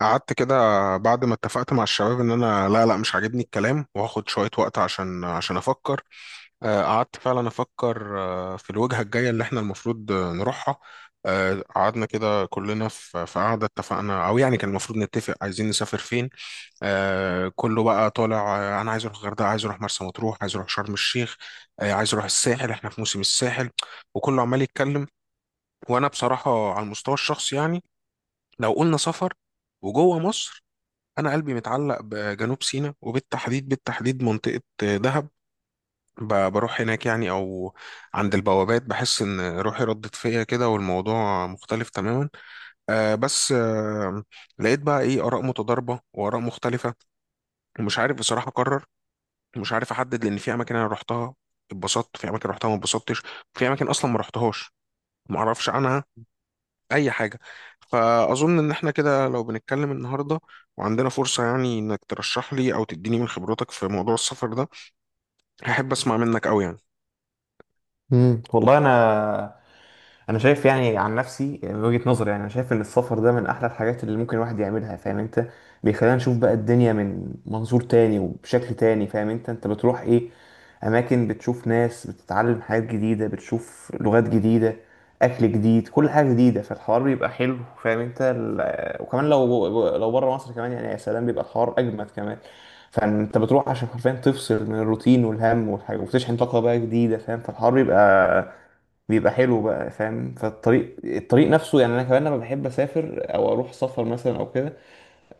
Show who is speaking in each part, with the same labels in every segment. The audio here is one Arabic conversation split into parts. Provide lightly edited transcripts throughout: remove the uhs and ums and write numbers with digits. Speaker 1: قعدت كده، بعد ما اتفقت مع الشباب ان انا لا لا مش عاجبني الكلام، وهاخد شوية وقت عشان افكر. قعدت فعلا افكر في الوجهة الجاية اللي احنا المفروض نروحها. قعدنا كده كلنا في قعدة، اتفقنا او يعني كان المفروض نتفق عايزين نسافر فين. كله بقى طالع، انا عايز اروح الغردقة، عايز اروح مرسى مطروح، عايز اروح شرم الشيخ. عايز اروح الساحل، احنا في موسم الساحل. وكله عمال يتكلم. وانا بصراحة على المستوى الشخصي، يعني لو قلنا سفر وجوه مصر، انا قلبي متعلق بجنوب سيناء، وبالتحديد بالتحديد منطقة دهب. بروح هناك يعني، او عند البوابات بحس ان روحي ردت فيا كده، والموضوع مختلف تماما. بس لقيت بقى ايه اراء متضاربة واراء مختلفة. ومش عارف بصراحة اقرر، مش عارف احدد. لان في اماكن انا رحتها اتبسطت، في اماكن رحتها ما اتبسطتش، في اماكن اصلا ما رحتهاش ما اعرفش عنها اي حاجه. فاظن ان احنا كده لو بنتكلم النهارده وعندنا فرصه، يعني انك ترشح لي او تديني من خبرتك في موضوع السفر ده، هحب اسمع منك قوي
Speaker 2: مم. والله انا شايف، يعني عن نفسي من وجهة نظري، يعني انا شايف ان السفر ده من احلى الحاجات اللي ممكن الواحد يعملها، فاهم انت؟ بيخلينا نشوف بقى الدنيا من منظور تاني وبشكل تاني، فاهم انت بتروح ايه، اماكن، بتشوف ناس، بتتعلم حاجات جديدة، بتشوف لغات جديدة، اكل جديد، كل حاجة جديدة، فالحوار بيبقى حلو، فاهم انت؟ وكمان لو بره مصر كمان، يعني يا سلام، بيبقى الحوار اجمد كمان. فانت بتروح عشان حرفيا تفصل من الروتين والهم والحاجة وتشحن طاقة بقى جديدة، فاهم؟ فالحوار بيبقى حلو بقى، فاهم؟ فالطريق نفسه، يعني انا كمان لما بحب اسافر او اروح سفر مثلا او كده،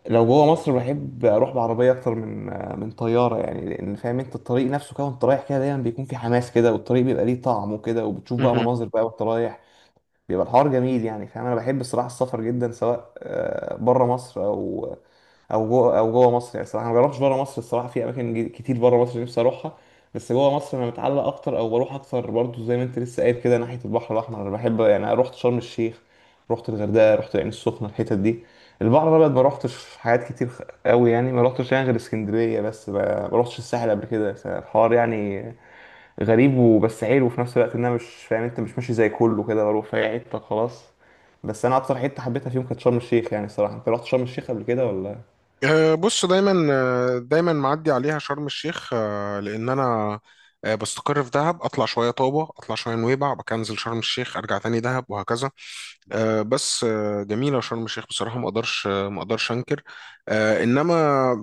Speaker 2: لو جوه مصر بحب اروح بعربيه اكتر من طياره، يعني لان فاهم انت الطريق نفسه كده، وانت رايح كده دايما بيكون في حماس كده، والطريق بيبقى ليه طعم وكده، وبتشوف بقى
Speaker 1: يعني.
Speaker 2: مناظر بقى وانت رايح، بيبقى الحوار جميل يعني فاهم. انا بحب الصراحه السفر جدا، سواء بره مصر او جوه مصر، يعني الصراحه أنا ما جربتش بره مصر الصراحه. في اماكن كتير بره مصر نفسي اروحها، بس جوه مصر انا متعلق اكتر او بروح اكتر برضو، زي ما انت لسه قايل كده. ناحيه البحر الاحمر انا بحب، يعني أنا رحت شرم الشيخ، رحت الغردقه، رحت العين السخنه، الحتت دي. البحر الابيض ما رحتش حاجات كتير قوي، يعني ما رحتش، يعني غير اسكندريه بس، ما رحتش الساحل قبل كده، فالحوار يعني غريب وبس حلو في نفس الوقت، ان انا مش فاهم انت، مش ماشي زي كله كده، بروح في أي حته خلاص. بس انا اكتر حته حبيتها فيهم كانت شرم الشيخ، يعني الصراحه. انت رحت شرم الشيخ قبل كده ولا؟
Speaker 1: بص، دايما دايما معدي عليها شرم الشيخ، لان انا بستقر في دهب، اطلع شويه طابه، اطلع شويه نويبع، بكنزل شرم الشيخ، ارجع تاني دهب، وهكذا. بس جميله شرم الشيخ بصراحه، ما اقدرش ما اقدرش انكر، انما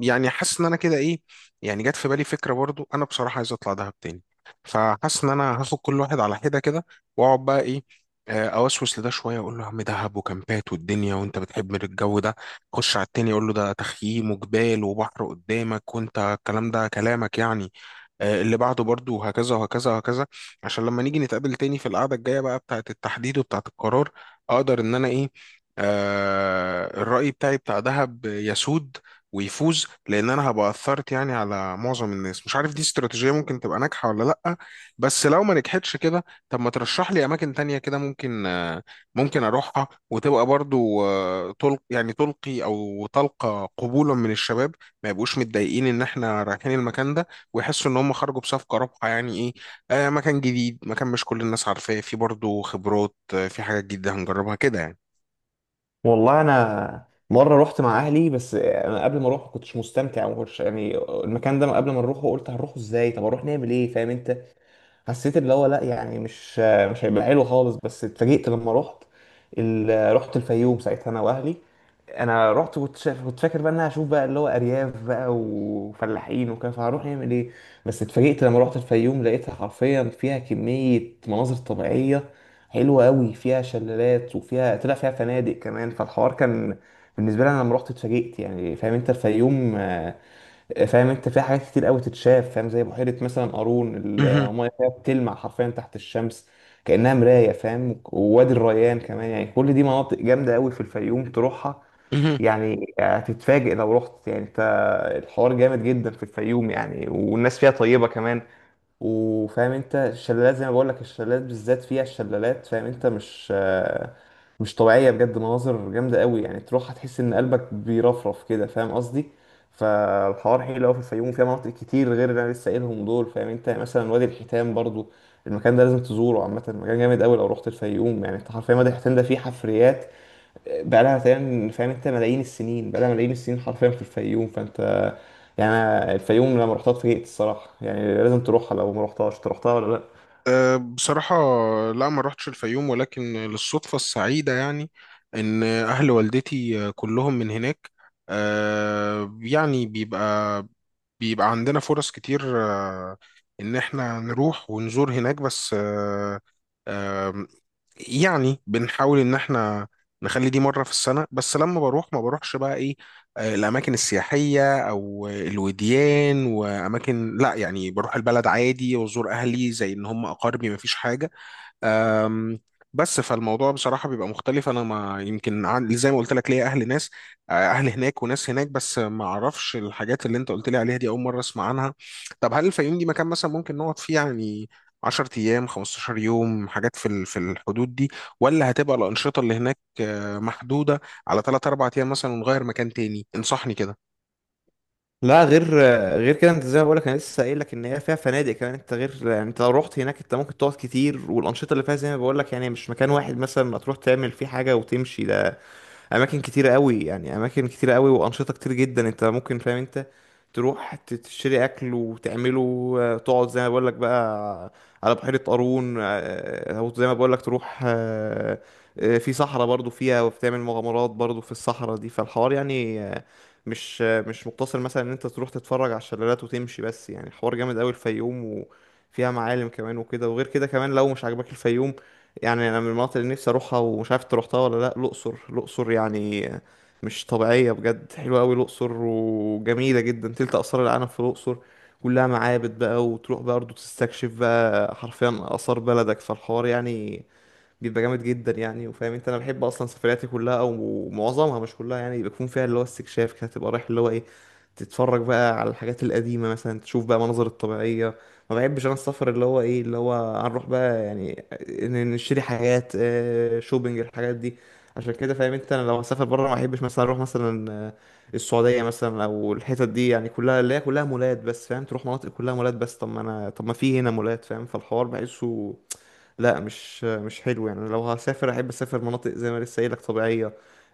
Speaker 1: يعني حاسس ان انا كده ايه. يعني جت في بالي فكره، برضو انا بصراحه عايز اطلع دهب تاني. فحاسس ان انا هاخد كل واحد على حده كده، واقعد بقى ايه، اوسوس لده شويه، اقول له يا عم دهب وكامبات والدنيا، وانت بتحب الجو ده. خش على التاني يقول له ده تخييم وجبال وبحر قدامك، وانت الكلام ده كلامك يعني. اللي بعده برضه، وهكذا وهكذا وهكذا. عشان لما نيجي نتقابل تاني في القعدة الجاية بقى بتاعة التحديد وبتاعة القرار، اقدر ان انا ايه، الرأي بتاعي بتاع دهب يسود ويفوز، لان انا هبقى اثرت يعني على معظم الناس. مش عارف دي استراتيجية ممكن تبقى ناجحة ولا لا. بس لو ما نجحتش كده، طب ما ترشح لي اماكن تانية كده ممكن ممكن اروحها، وتبقى برضو يعني تلقي او تلقى قبولا من الشباب، ما يبقوش متضايقين ان احنا رايحين المكان ده، ويحسوا ان هم خرجوا بصفقه رابحه. يعني ايه، مكان جديد، مكان مش كل الناس عارفاه، في برضو خبرات، في حاجات جديده هنجربها كده يعني.
Speaker 2: والله انا مره رحت مع اهلي، بس انا قبل ما اروح ما كنتش مستمتع وما كنتش يعني، المكان ده قبل ما نروحه قلت هنروحه ازاي، طب اروح نعمل ايه؟ فاهم انت؟ حسيت اللي هو لا، يعني مش هيبقى حلو خالص، بس اتفاجئت لما رحت الفيوم ساعتها انا واهلي. انا رحت كنت شايف، كنت فاكر بقى ان انا هشوف بقى اللي هو ارياف بقى وفلاحين وكده، فهروح نعمل ايه؟ بس اتفاجئت لما رحت الفيوم، لقيتها حرفيا فيها كمية مناظر طبيعية حلوة قوي، فيها شلالات وفيها، طلع فيها فنادق كمان، فالحوار كان بالنسبة لي انا لما رحت اتفاجئت، يعني فاهم انت الفيوم، فاهم انت في حاجات كتير قوي تتشاف، فاهم؟ زي بحيره مثلا قارون،
Speaker 1: مهم.
Speaker 2: المايه فيها بتلمع حرفيا تحت الشمس كانها مرايه، فاهم؟ ووادي الريان كمان، يعني كل دي مناطق جامده قوي في الفيوم تروحها.
Speaker 1: مهم.
Speaker 2: يعني هتتفاجئ لو رحت، يعني انت الحوار جامد جدا في الفيوم، يعني والناس فيها طيبه كمان. وفاهم انت الشلالات، زي ما بقول لك الشلالات بالذات، فيها الشلالات، فاهم انت مش طبيعية بجد، مناظر جامدة قوي، يعني تروح هتحس ان قلبك بيرفرف كده فاهم قصدي. فالحوار حلو قوي في الفيوم، فيها مناطق كتير غير اللي انا لسه قايلهم دول، فاهم انت؟ يعني مثلا وادي الحيتان برضو، المكان ده لازم تزوره عامة، مكان جامد قوي لو رحت الفيوم يعني انت حرفيا. وادي الحيتان ده فيه حفريات بقى لها تقريبا فاهم انت ملايين السنين، بقى لها ملايين السنين حرفيا في الفيوم. فانت يعني، أنا الفيوم لما رحتها اتفاجئت الصراحه، يعني لازم تروحها لو ما رحتهاش. انت رحتها ولا لا؟
Speaker 1: بصراحة لا، ما رحتش الفيوم، ولكن للصدفة السعيدة يعني إن أهل والدتي كلهم من هناك. يعني بيبقى عندنا فرص كتير ان احنا نروح ونزور هناك، بس آه، آم، يعني بنحاول ان احنا نخلي دي مرة في السنة، بس لما بروح ما بروحش بقى ايه، الاماكن السياحية او الوديان واماكن، لا يعني بروح البلد عادي وازور اهلي زي ان هم اقاربي، ما فيش حاجة. أم، بس فالموضوع بصراحة بيبقى مختلف. أنا ما يمكن زي ما قلت لك ليا أهل، ناس أهل هناك وناس هناك، بس ما أعرفش الحاجات اللي أنت قلت لي عليها، دي أول مرة أسمع عنها. طب هل الفيوم دي مكان مثلا ممكن نقعد فيه، يعني 10 أيام 15 يوم، حاجات في الحدود دي؟ ولا هتبقى الأنشطة اللي هناك محدودة على 3 4 أيام مثلا، ونغير مكان تاني؟ انصحني كده.
Speaker 2: لا غير كده، انت زي ما بقولك انا لسه قايل لك ان هي فيها فنادق كمان، انت غير يعني انت لو رحت هناك انت ممكن تقعد كتير، والانشطه اللي فيها زي ما بقولك يعني مش مكان واحد مثلا ما تروح تعمل فيه حاجه وتمشي ده، اماكن كتيره قوي يعني، اماكن كتيره قوي، وانشطه كتير جدا انت ممكن فاهم انت تروح تشتري اكل وتعمله، تقعد زي ما بقول لك بقى على بحيره قارون، او زي ما بقول لك تروح، في صحراء برضو فيها وبتعمل مغامرات برضو في الصحراء دي. فالحوار يعني مش مقتصر مثلا ان انت تروح تتفرج على الشلالات وتمشي بس، يعني الحوار جامد قوي الفيوم، وفيها معالم كمان وكده. وغير كده كمان، لو مش عاجبك الفيوم، يعني انا من المناطق اللي نفسي اروحها ومش عارف انت روحتها ولا لا، الاقصر. الاقصر يعني مش طبيعيه بجد، حلوه قوي الاقصر وجميله جدا، تلت اثار العالم في الاقصر، كلها معابد بقى، وتروح برضه تستكشف بقى حرفيا اثار بلدك، فالحوار يعني بيبقى جامد جدا يعني. وفاهم انت انا بحب اصلا سفرياتي كلها او معظمها مش كلها، يعني بيكون فيها اللي هو استكشاف كده، تبقى رايح اللي هو ايه، تتفرج بقى على الحاجات القديمة مثلا، تشوف بقى مناظر الطبيعية. ما بحبش انا السفر اللي هو ايه اللي هو هنروح بقى يعني نشتري حاجات، شوبينج الحاجات دي. عشان كده فاهم انت، انا لو هسافر بره ما بحبش مثلا اروح مثلا، السعودية مثلا او الحتت دي يعني، كلها اللي هي كلها مولات بس، فاهم؟ تروح مناطق كلها مولات بس، طب ما في هنا مولات، فاهم؟ فالحوار بحسه لا، مش حلو يعني. لو هسافر احب اسافر مناطق زي ما لسه قايلك طبيعيه،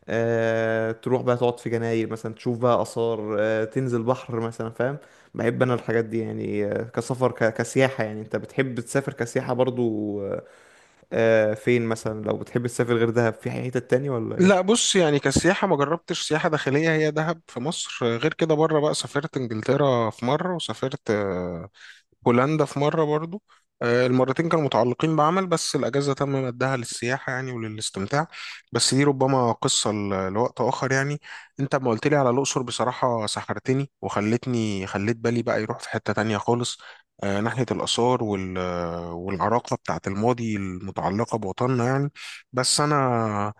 Speaker 2: تروح بقى تقعد في جناير مثلا، تشوف بقى اثار، تنزل بحر مثلا فاهم. بحب انا الحاجات دي يعني، كسفر كسياحه، يعني انت بتحب تسافر كسياحه برضو؟ فين مثلا لو بتحب تسافر غير دهب، في حتت تانية ولا
Speaker 1: لا
Speaker 2: ايه؟
Speaker 1: بص، يعني كسياحة ما جربتش سياحة داخلية، هي دهب في مصر. غير كده بره بقى، سافرت انجلترا في مرة، وسافرت هولندا في مرة برضو. المرتين كانوا متعلقين بعمل، بس الأجازة تم مدها للسياحة يعني وللاستمتاع. بس دي ربما قصة لوقت آخر يعني. أنت ما قلت لي على الأقصر بصراحة سحرتني، وخلتني خليت بالي بقى يروح في حتة تانية خالص، ناحية الآثار والعراقة بتاعت الماضي المتعلقة بوطننا يعني. بس أنا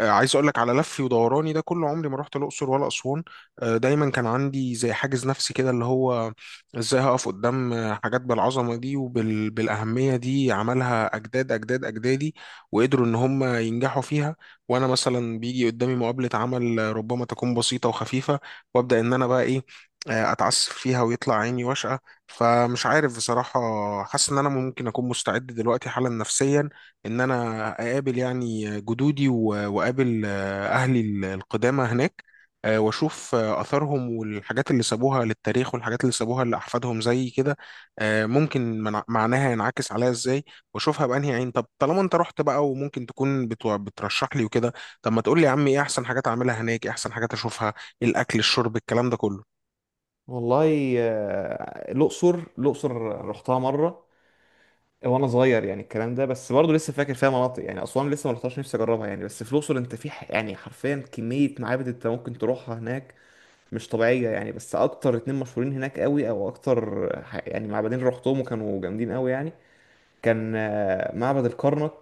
Speaker 1: عايز اقول لك على لفي ودوراني ده، كل عمري ما رحت الاقصر ولا اسوان. دايما كان عندي زي حاجز نفسي كده، اللي هو ازاي هقف قدام حاجات بالعظمه دي وبالاهميه دي، عملها اجداد اجداد اجدادي وقدروا ان هم ينجحوا فيها. وانا مثلا بيجي قدامي مقابله عمل ربما تكون بسيطه وخفيفه، وابدا ان انا بقى ايه، اتعسف فيها ويطلع عيني واشقه. فمش عارف بصراحه، حاسس ان انا ممكن اكون مستعد دلوقتي حالا نفسيا، ان انا اقابل يعني جدودي واقابل اهلي القدامى هناك. واشوف اثارهم، والحاجات اللي سابوها للتاريخ، والحاجات اللي سابوها لاحفادهم زي كده. ممكن معناها ينعكس عليا ازاي، واشوفها بانهي عين. طب طالما انت رحت بقى، وممكن تكون بترشح لي وكده، طب ما تقول لي يا عم، ايه احسن حاجات اعملها هناك، ايه احسن حاجات اشوفها، إيه الاكل الشرب الكلام ده كله؟
Speaker 2: والله الأقصر، الأقصر رحتها مرة وانا صغير، يعني الكلام ده. بس برضه لسه فاكر فيها مناطق، يعني اسوان لسه ما رحتهاش، نفسي اجربها يعني. بس في الاقصر انت في يعني حرفيا كميه معابد انت ممكن تروحها هناك، مش طبيعيه يعني. بس اكتر اتنين مشهورين هناك قوي، او اكتر يعني معبدين، رحتهم وكانوا جامدين قوي يعني. كان معبد الكرنك،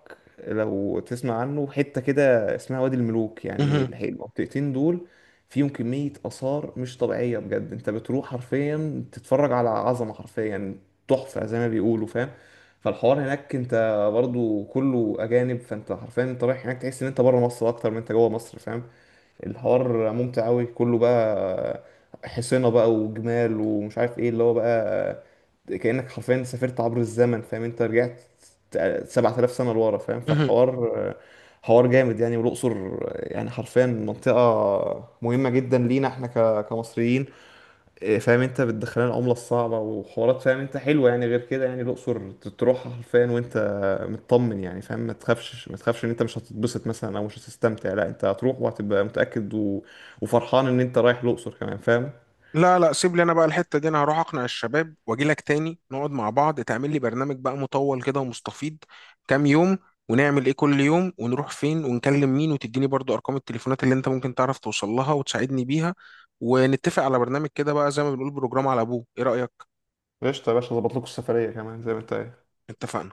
Speaker 2: لو تسمع عنه، حتة كده اسمها وادي الملوك. يعني
Speaker 1: مهم.
Speaker 2: المنطقتين دول فيهم كمية آثار مش طبيعية بجد، انت بتروح حرفيا تتفرج على عظمة حرفيا، تحفة زي ما بيقولوا فاهم. فالحوار هناك، انت برضو كله أجانب، فانت حرفيا انت رايح هناك تحس ان انت بره مصر اكتر من انت جوه مصر، فاهم؟ الحوار ممتع قوي كله بقى، حصينة بقى وجمال ومش عارف ايه اللي هو بقى، كأنك حرفيا سافرت عبر الزمن فاهم انت. رجعت 7,000 سنة لورا، فاهم؟
Speaker 1: مهم.
Speaker 2: فالحوار حوار جامد يعني. والأقصر يعني حرفيا منطقة مهمة جدا لينا احنا كمصريين، إيه، فاهم انت بتدخلنا العملة الصعبة وحوارات، فاهم انت حلوة يعني. غير كده يعني الأقصر تروح حرفيا وانت مطمن، يعني فاهم ما تخافش ما تخافش ان انت مش هتتبسط مثلا او مش هتستمتع. لا، انت هتروح وهتبقى متأكد، وفرحان ان انت رايح الأقصر كمان، فاهم؟
Speaker 1: لا لا، سيب لي انا بقى الحته دي. انا هروح اقنع الشباب واجي لك تاني، نقعد مع بعض، تعمل لي برنامج بقى مطول كده ومستفيض، كام يوم، ونعمل ايه كل يوم، ونروح فين، ونكلم مين، وتديني برضو ارقام التليفونات اللي انت ممكن تعرف توصل لها وتساعدني بيها، ونتفق على برنامج كده بقى زي ما بنقول بروجرام على ابوه. ايه رأيك؟
Speaker 2: قشطة يا باشا، ظبط لكم السفرية كمان زي ما انت
Speaker 1: اتفقنا.